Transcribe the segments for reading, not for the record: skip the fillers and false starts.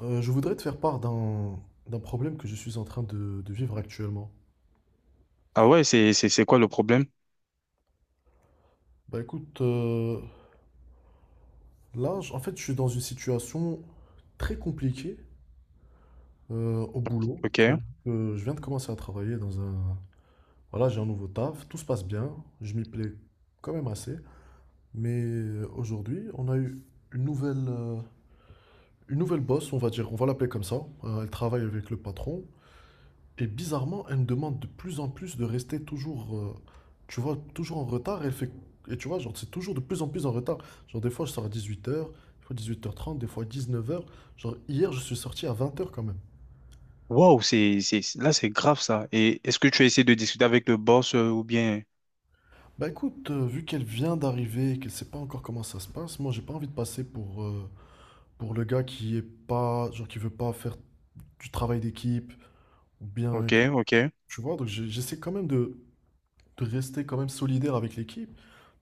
Je voudrais te faire part d'un problème que je suis en train de vivre actuellement. Ah ouais, c'est quoi le problème? Bah écoute, là, en fait, je suis dans une situation très compliquée au boulot. Ok. Je viens de commencer à travailler dans un. Voilà, j'ai un nouveau taf, tout se passe bien, je m'y plais quand même assez. Mais aujourd'hui, on a eu une nouvelle, euh, une nouvelle boss, on va dire, on va l'appeler comme ça. Elle travaille avec le patron. Et bizarrement, elle me demande de plus en plus de rester toujours, tu vois, toujours en retard. Elle fait, et tu vois, genre, c'est toujours de plus en plus en retard. Genre, des fois, je sors à 18 heures, des fois 18h30, des fois 19 heures. Genre, hier, je suis sorti à 20 heures quand même. Waouh, là, c'est grave ça. Et est-ce que tu as essayé de discuter avec le boss ou bien. Bah écoute, vu qu'elle vient d'arriver, qu'elle sait pas encore comment ça se passe, moi, j'ai pas envie de passer pour le gars qui est pas, genre, qui veut pas faire du travail d'équipe, ou bien, Ok, ok. tu vois, donc j'essaie quand même de rester quand même solidaire avec l'équipe.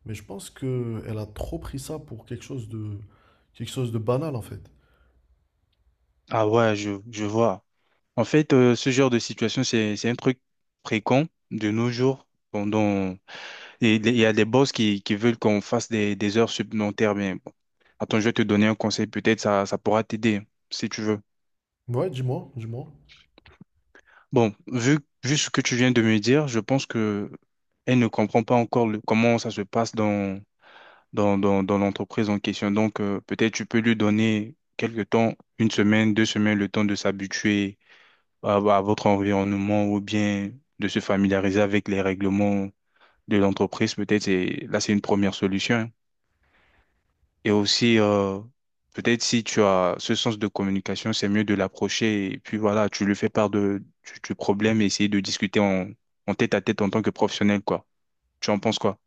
Mais je pense que elle a trop pris ça pour quelque chose de banal en fait. Ah ouais, je vois. En fait, ce genre de situation, c'est un truc fréquent de nos jours. Bon, et il y a des boss qui veulent qu'on fasse des heures supplémentaires. Mais bon. Attends, je vais te donner un conseil. Peut-être ça pourra t'aider si tu veux. Ouais, dis-moi, dis-moi. Bon, vu ce que tu viens de me dire, je pense que elle ne comprend pas encore comment ça se passe dans l'entreprise en question. Donc, peut-être tu peux lui donner quelques temps, 1 semaine, 2 semaines, le temps de s'habituer à votre environnement ou bien de se familiariser avec les règlements de l'entreprise. Peut-être c'est une première solution, hein. Et aussi, peut-être si tu as ce sens de communication, c'est mieux de l'approcher et puis voilà, tu lui fais part du problème et essayer de discuter en tête à tête en tant que professionnel, quoi. Tu en penses quoi?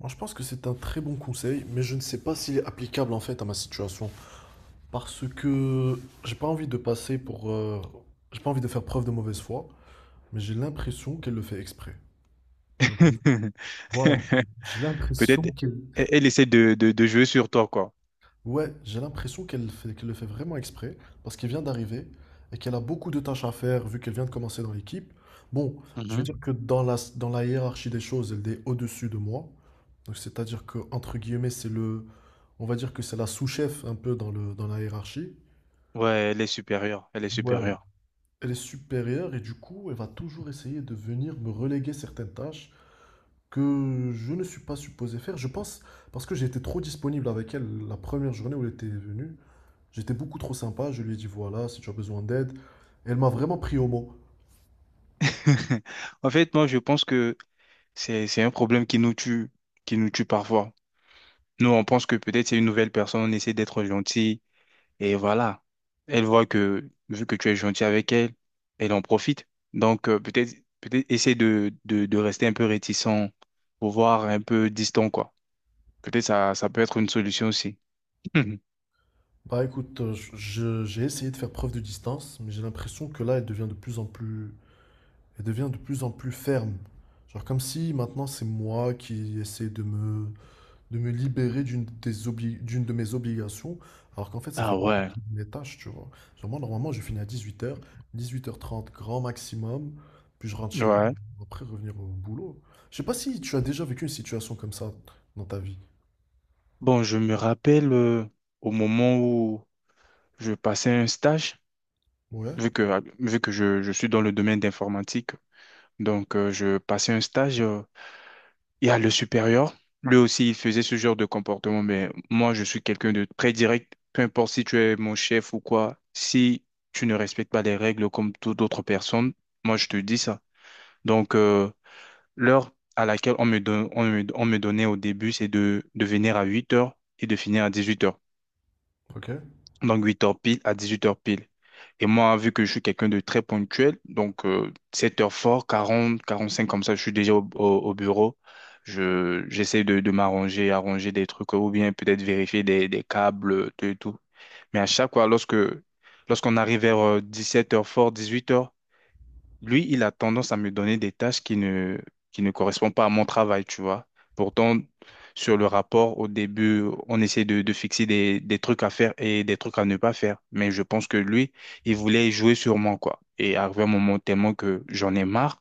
Moi, je pense que c'est un très bon conseil, mais je ne sais pas s'il est applicable en fait à ma situation parce que j'ai pas envie de passer pour j'ai pas envie de faire preuve de mauvaise foi, mais j'ai l'impression qu'elle le fait exprès. J'ai l'impression. Voilà. J'ai l'impression Peut-être qu'elle. elle essaie de jouer sur toi, quoi. Ouais, j'ai l'impression qu'elle le fait vraiment exprès, parce qu'elle vient d'arriver et qu'elle a beaucoup de tâches à faire vu qu'elle vient de commencer dans l'équipe. Bon, je vais Mhm. dire que dans la hiérarchie des choses, elle est au-dessus de moi. Donc c'est-à-dire que, entre guillemets, on va dire que c'est la sous-chef un peu dans la hiérarchie. Ouais, elle est supérieure. Elle est Ouais. supérieure. Elle est supérieure et du coup, elle va toujours essayer de venir me reléguer certaines tâches que je ne suis pas supposé faire. Je pense parce que j'ai été trop disponible avec elle la première journée où elle était venue. J'étais beaucoup trop sympa, je lui ai dit voilà, si tu as besoin d'aide. Elle m'a vraiment pris au mot. En fait, moi, je pense que c'est un problème qui nous tue parfois. Nous, on pense que peut-être c'est une nouvelle personne, on essaie d'être gentil. Et voilà, elle voit que vu que tu es gentil avec elle, elle en profite. Donc peut-être essayer de rester un peu réticent, pour voir un peu distant quoi. Peut-être ça peut être une solution aussi. Bah écoute, j'ai essayé de faire preuve de distance, mais j'ai l'impression que là, elle devient de plus en plus ferme. Genre comme si maintenant c'est moi qui essaie de me libérer d'une de mes obligations, alors qu'en fait, ça fait Ah pas ouais. partie de mes tâches, tu vois. Genre moi, normalement, je finis à 18h, 18h30 grand maximum, puis je rentre chez moi, Ouais. après revenir au boulot. Je sais pas si tu as déjà vécu une situation comme ça dans ta vie. Bon, je me rappelle au moment où je passais un stage, Ouais, vu que je suis dans le domaine d'informatique, donc je passais un stage. Il y a le supérieur. Lui aussi, il faisait ce genre de comportement, mais moi, je suis quelqu'un de très direct. Peu importe si tu es mon chef ou quoi, si tu ne respectes pas les règles comme toute autre personne, moi, je te dis ça. Donc, l'heure à laquelle on me donnait au début, c'est de venir à 8 heures et de finir à 18 heures, ok. donc 8 heures pile à 18 heures pile. Et moi, vu que je suis quelqu'un de très ponctuel, donc 7 heures fort, 40 45 comme ça, je suis déjà au bureau. J'essaie de m'arranger, arranger des trucs ou bien peut-être vérifier des câbles, tout et tout. Mais à chaque fois, lorsqu'on arrive vers 17 heures fort, 18 heures, lui, il a tendance à me donner des tâches qui ne correspondent pas à mon travail, tu vois. Pourtant, sur le rapport, au début, on essaie de fixer des trucs à faire et des trucs à ne pas faire. Mais je pense que lui, il voulait jouer sur moi, quoi. Et arrivé un moment tellement que j'en ai marre,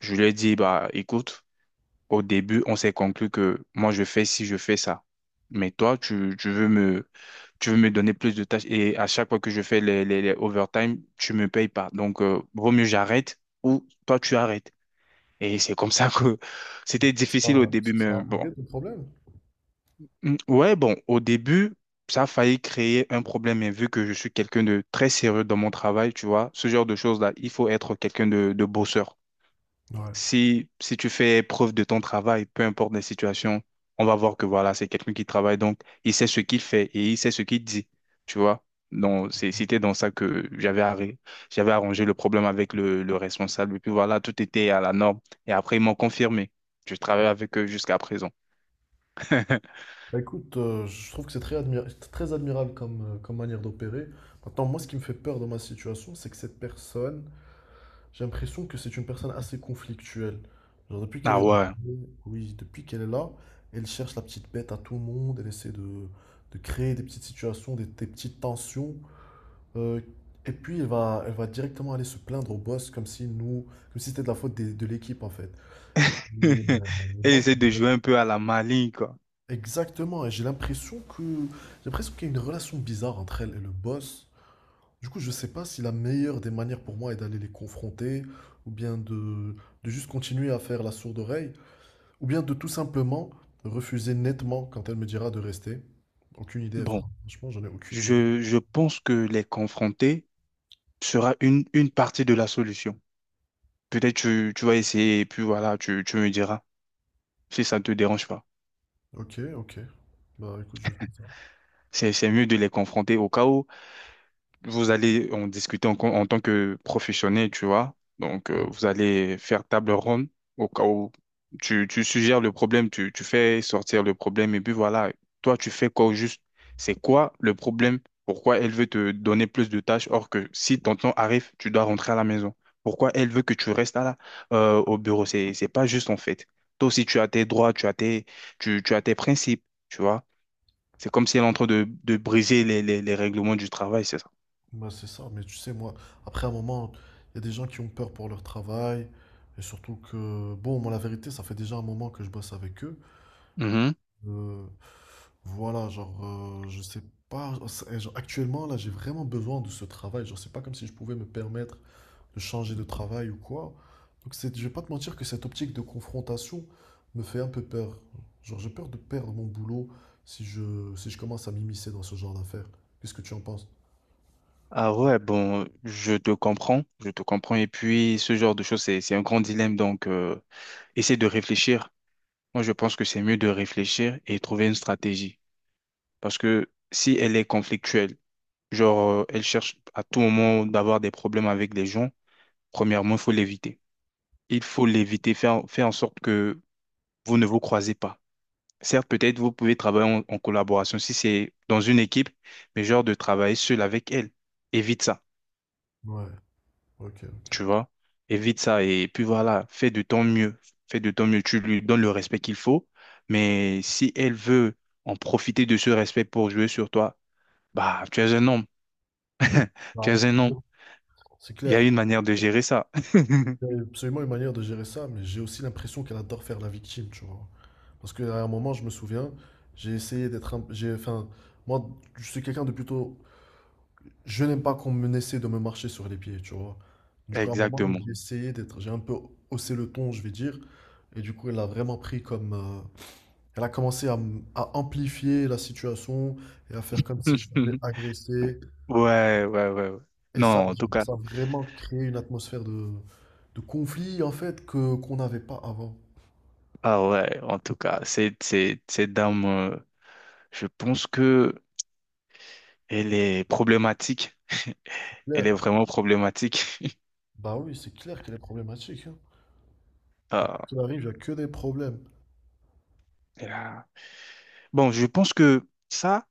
je lui ai dit, bah, écoute, au début, on s'est conclu que moi, je fais ci, je fais ça. Mais toi, tu veux me donner plus de tâches et à chaque fois que je fais les overtime, tu me payes pas. Donc, vaut mieux j'arrête ou toi tu arrêtes. Et c'est comme ça que c'était difficile au Ça, début, ça mais a bon. réglé ton problème? Mm, ouais, bon, au début, ça a failli créer un problème, mais vu que je suis quelqu'un de très sérieux dans mon travail, tu vois, ce genre de choses-là, il faut être quelqu'un de bosseur. Ouais. Si tu fais preuve de ton travail, peu importe les situations, on va voir que voilà, c'est quelqu'un qui travaille, donc il sait ce qu'il fait et il sait ce qu'il dit, tu vois. Donc, c'était dans ça que j'avais arrangé le problème avec le responsable. Et puis voilà, tout était à la norme. Et après, ils m'ont confirmé. Je travaille avec eux jusqu'à présent. Bah écoute, je trouve que c'est très admirable comme manière d'opérer. Maintenant, moi, ce qui me fait peur dans ma situation, c'est que cette personne. J'ai l'impression que c'est une personne assez conflictuelle. Genre depuis qu'elle est Ah ouais. rentrée, oui, depuis qu'elle est là, elle cherche la petite bête à tout le monde, elle essaie de créer des petites situations, des petites tensions. euh, et puis elle va directement aller se plaindre au boss comme si nous, comme si c'était de la faute de l'équipe en fait. Mais, euh, mais Elle moi, ça essaie de me dérange. jouer un peu à la maligne, quoi. Exactement, et j'ai l'impression qu'il y a une relation bizarre entre elle et le boss. Du coup, je sais pas si la meilleure des manières pour moi est d'aller les confronter, ou bien de juste continuer à faire la sourde oreille, ou bien de tout simplement refuser nettement quand elle me dira de rester. Aucune idée, Bon, franchement, j'en ai aucune idée. je pense que les confronter sera une partie de la solution. Peut-être tu vas essayer et puis voilà, tu me diras si ça ne te dérange pas. Ok, ok. Bah écoute, je vais faire ça. C'est mieux de les confronter au cas où vous allez en discuter en tant que professionnel, tu vois. Donc, Ouais. Vous allez faire table ronde au cas où tu suggères le problème, tu fais sortir le problème, et puis voilà, toi, tu fais quoi au juste? C'est quoi le problème? Pourquoi elle veut te donner plus de tâches, or que si ton temps arrive, tu dois rentrer à la maison? Pourquoi elle veut que tu restes là, au bureau? C'est pas juste en fait. Toi aussi, tu as tes droits, tu as tes principes, tu vois. C'est comme si elle est en train de briser les règlements du travail, c'est ça. Bah c'est ça, mais tu sais, moi, après un moment, il y a des gens qui ont peur pour leur travail, et surtout que, bon, moi, la vérité, ça fait déjà un moment que je bosse avec eux. Mhm. Euh, Voilà, genre, je sais pas. Genre, actuellement, là, j'ai vraiment besoin de ce travail. Genre, c'est pas comme si je pouvais me permettre de changer de travail ou quoi. Donc, je vais pas te mentir que cette optique de confrontation me fait un peu peur. Genre, j'ai peur de perdre mon boulot si je commence à m'immiscer dans ce genre d'affaires. Qu'est-ce que tu en penses? Ah ouais, bon, je te comprends, je te comprends. Et puis, ce genre de choses, c'est un grand dilemme. Donc, essaie de réfléchir. Moi, je pense que c'est mieux de réfléchir et trouver une stratégie. Parce que si elle est conflictuelle, genre, elle cherche à tout moment d'avoir des problèmes avec les gens, premièrement, il faut l'éviter. Il faut l'éviter, faire en sorte que vous ne vous croisez pas. Certes, peut-être vous pouvez travailler en collaboration si c'est dans une équipe, mais genre de travailler seul avec elle. Évite ça, Ouais, ok, ok. tu vois. Évite ça et puis voilà, fais de ton mieux. Fais de ton mieux, tu lui donnes le respect qu'il faut, mais si elle veut en profiter de ce respect pour jouer sur toi, bah, tu es un homme, Bah, tu es écoute. un homme. C'est Il y clair. a une manière de gérer ça. Il y a absolument une manière de gérer ça, mais j'ai aussi l'impression qu'elle adore faire la victime, tu vois. Parce qu'à un moment, je me souviens, j'ai essayé d'être un. J'ai, enfin, moi, je suis quelqu'un de plutôt. Je n'aime pas qu'on me essaie de me marcher sur les pieds, tu vois. Du coup, à un moment, Exactement. j'ai essayé d'être. J'ai un peu haussé le ton, je vais dire. Et du coup, elle a vraiment pris comme. Elle a commencé à amplifier la situation et à faire comme si je l'avais agressé. Ouais, ouais, ouais, ouais. Et ça, Non, genre, ça a vraiment créé une atmosphère de conflit, en fait, que qu'on n'avait pas avant. En tout cas, cette dame. Je pense que elle est problématique. Elle est Claire. vraiment problématique. Bah oui, c'est clair qu'elle est problématique. Hein. Ah, Qu'il arrive, il n'y a que des problèmes. elle a- bon, je pense que ça,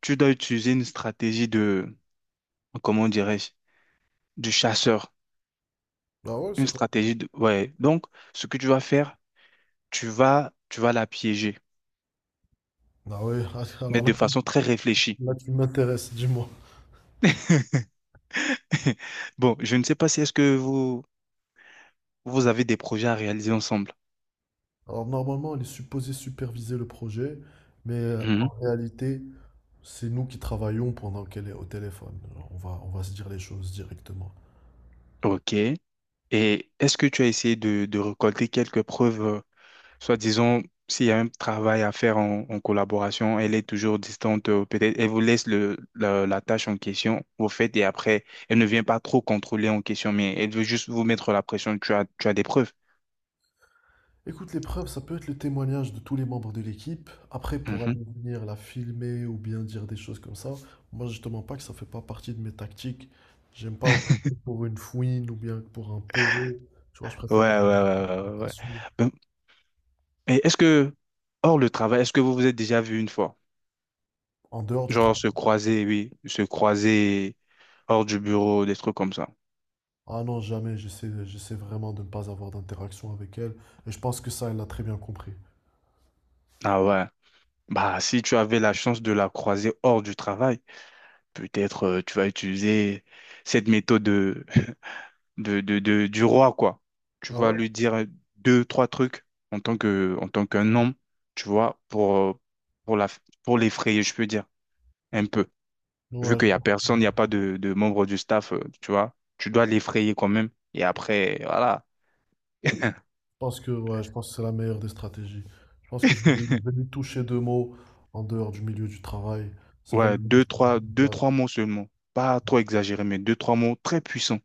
tu dois utiliser une stratégie comment dirais-je, du chasseur. Ah ouais, c'est Une quoi? stratégie de, ouais. Donc, ce que tu vas faire, tu vas la piéger, Ah ouais, mais alors là, de façon très réfléchie. là tu m'intéresses, dis-moi. Bon, je ne sais pas si est-ce que vous avez des projets à réaliser ensemble. Alors normalement, elle est supposée superviser le projet, mais en Mhm. réalité, c'est nous qui travaillons pendant qu'elle est au téléphone. Alors, on va se dire les choses directement. Ok. Et est-ce que tu as essayé de récolter quelques preuves? Soit disons, s'il y a un travail à faire en collaboration, elle est toujours distante, peut-être elle vous laisse la tâche en question, vous faites et après, elle ne vient pas trop contrôler en question, mais elle veut juste vous mettre la pression, tu as des preuves. Écoute, l'épreuve, ça peut être le témoignage de tous les membres de l'équipe. Après, pour Mhm. aller venir la filmer ou bien dire des choses comme ça, moi je te mens pas que ça fait pas partie de mes tactiques. J'aime pas passer pour une fouine ou bien pour un peureux. Tu vois, je Ouais, préfère être ouais, ouais, ouais, ouais, ouais. Ben, et est-ce que, hors le travail, est-ce que vous vous êtes déjà vu une fois? en dehors du Genre travail. se croiser, oui, se croiser hors du bureau, des trucs comme ça. Ah non, jamais, j'essaie vraiment de ne pas avoir d'interaction avec elle. Et je pense que ça, elle l'a très bien compris. Ah ouais. Bah, si tu avais la chance de la croiser hors du travail, peut-être tu vas utiliser cette méthode du roi, quoi. Tu Ah vas ouais? lui dire deux, trois trucs en tant qu'un homme, tu vois, pour la, pour l'effrayer, je peux dire, un peu. Vu Ouais, je qu'il n'y a pense personne, il je n'y a pas de membre du staff, tu vois, tu dois l'effrayer quand même. Et après, voilà. pense que, ouais, je pense que c'est la meilleure des stratégies. Je pense que je vais, je vais lui toucher deux mots en dehors du milieu du travail. Ça va lui Ouais, donner une idée de deux, trois place. mots seulement. Pas trop exagéré, mais deux, trois mots très puissants.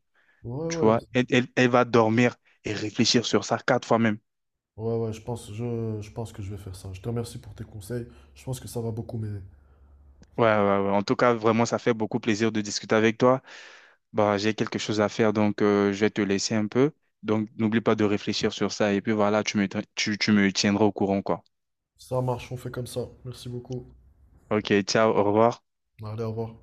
Ouais, Tu ouais, vois, elle va dormir et réfléchir sur ça quatre fois même. ouais, ouais, je pense que je vais faire ça. Je te remercie pour tes conseils. Je pense que ça va beaucoup m'aider. Ouais, ouais, ouais. En tout cas, vraiment, ça fait beaucoup plaisir de discuter avec toi. Bah, j'ai quelque chose à faire, donc je vais te laisser un peu. Donc, n'oublie pas de réfléchir sur ça. Et puis voilà, tu me tiendras au courant, quoi. Ça marche, on fait comme ça. Merci beaucoup. Ok, ciao, au revoir. Allez, au revoir.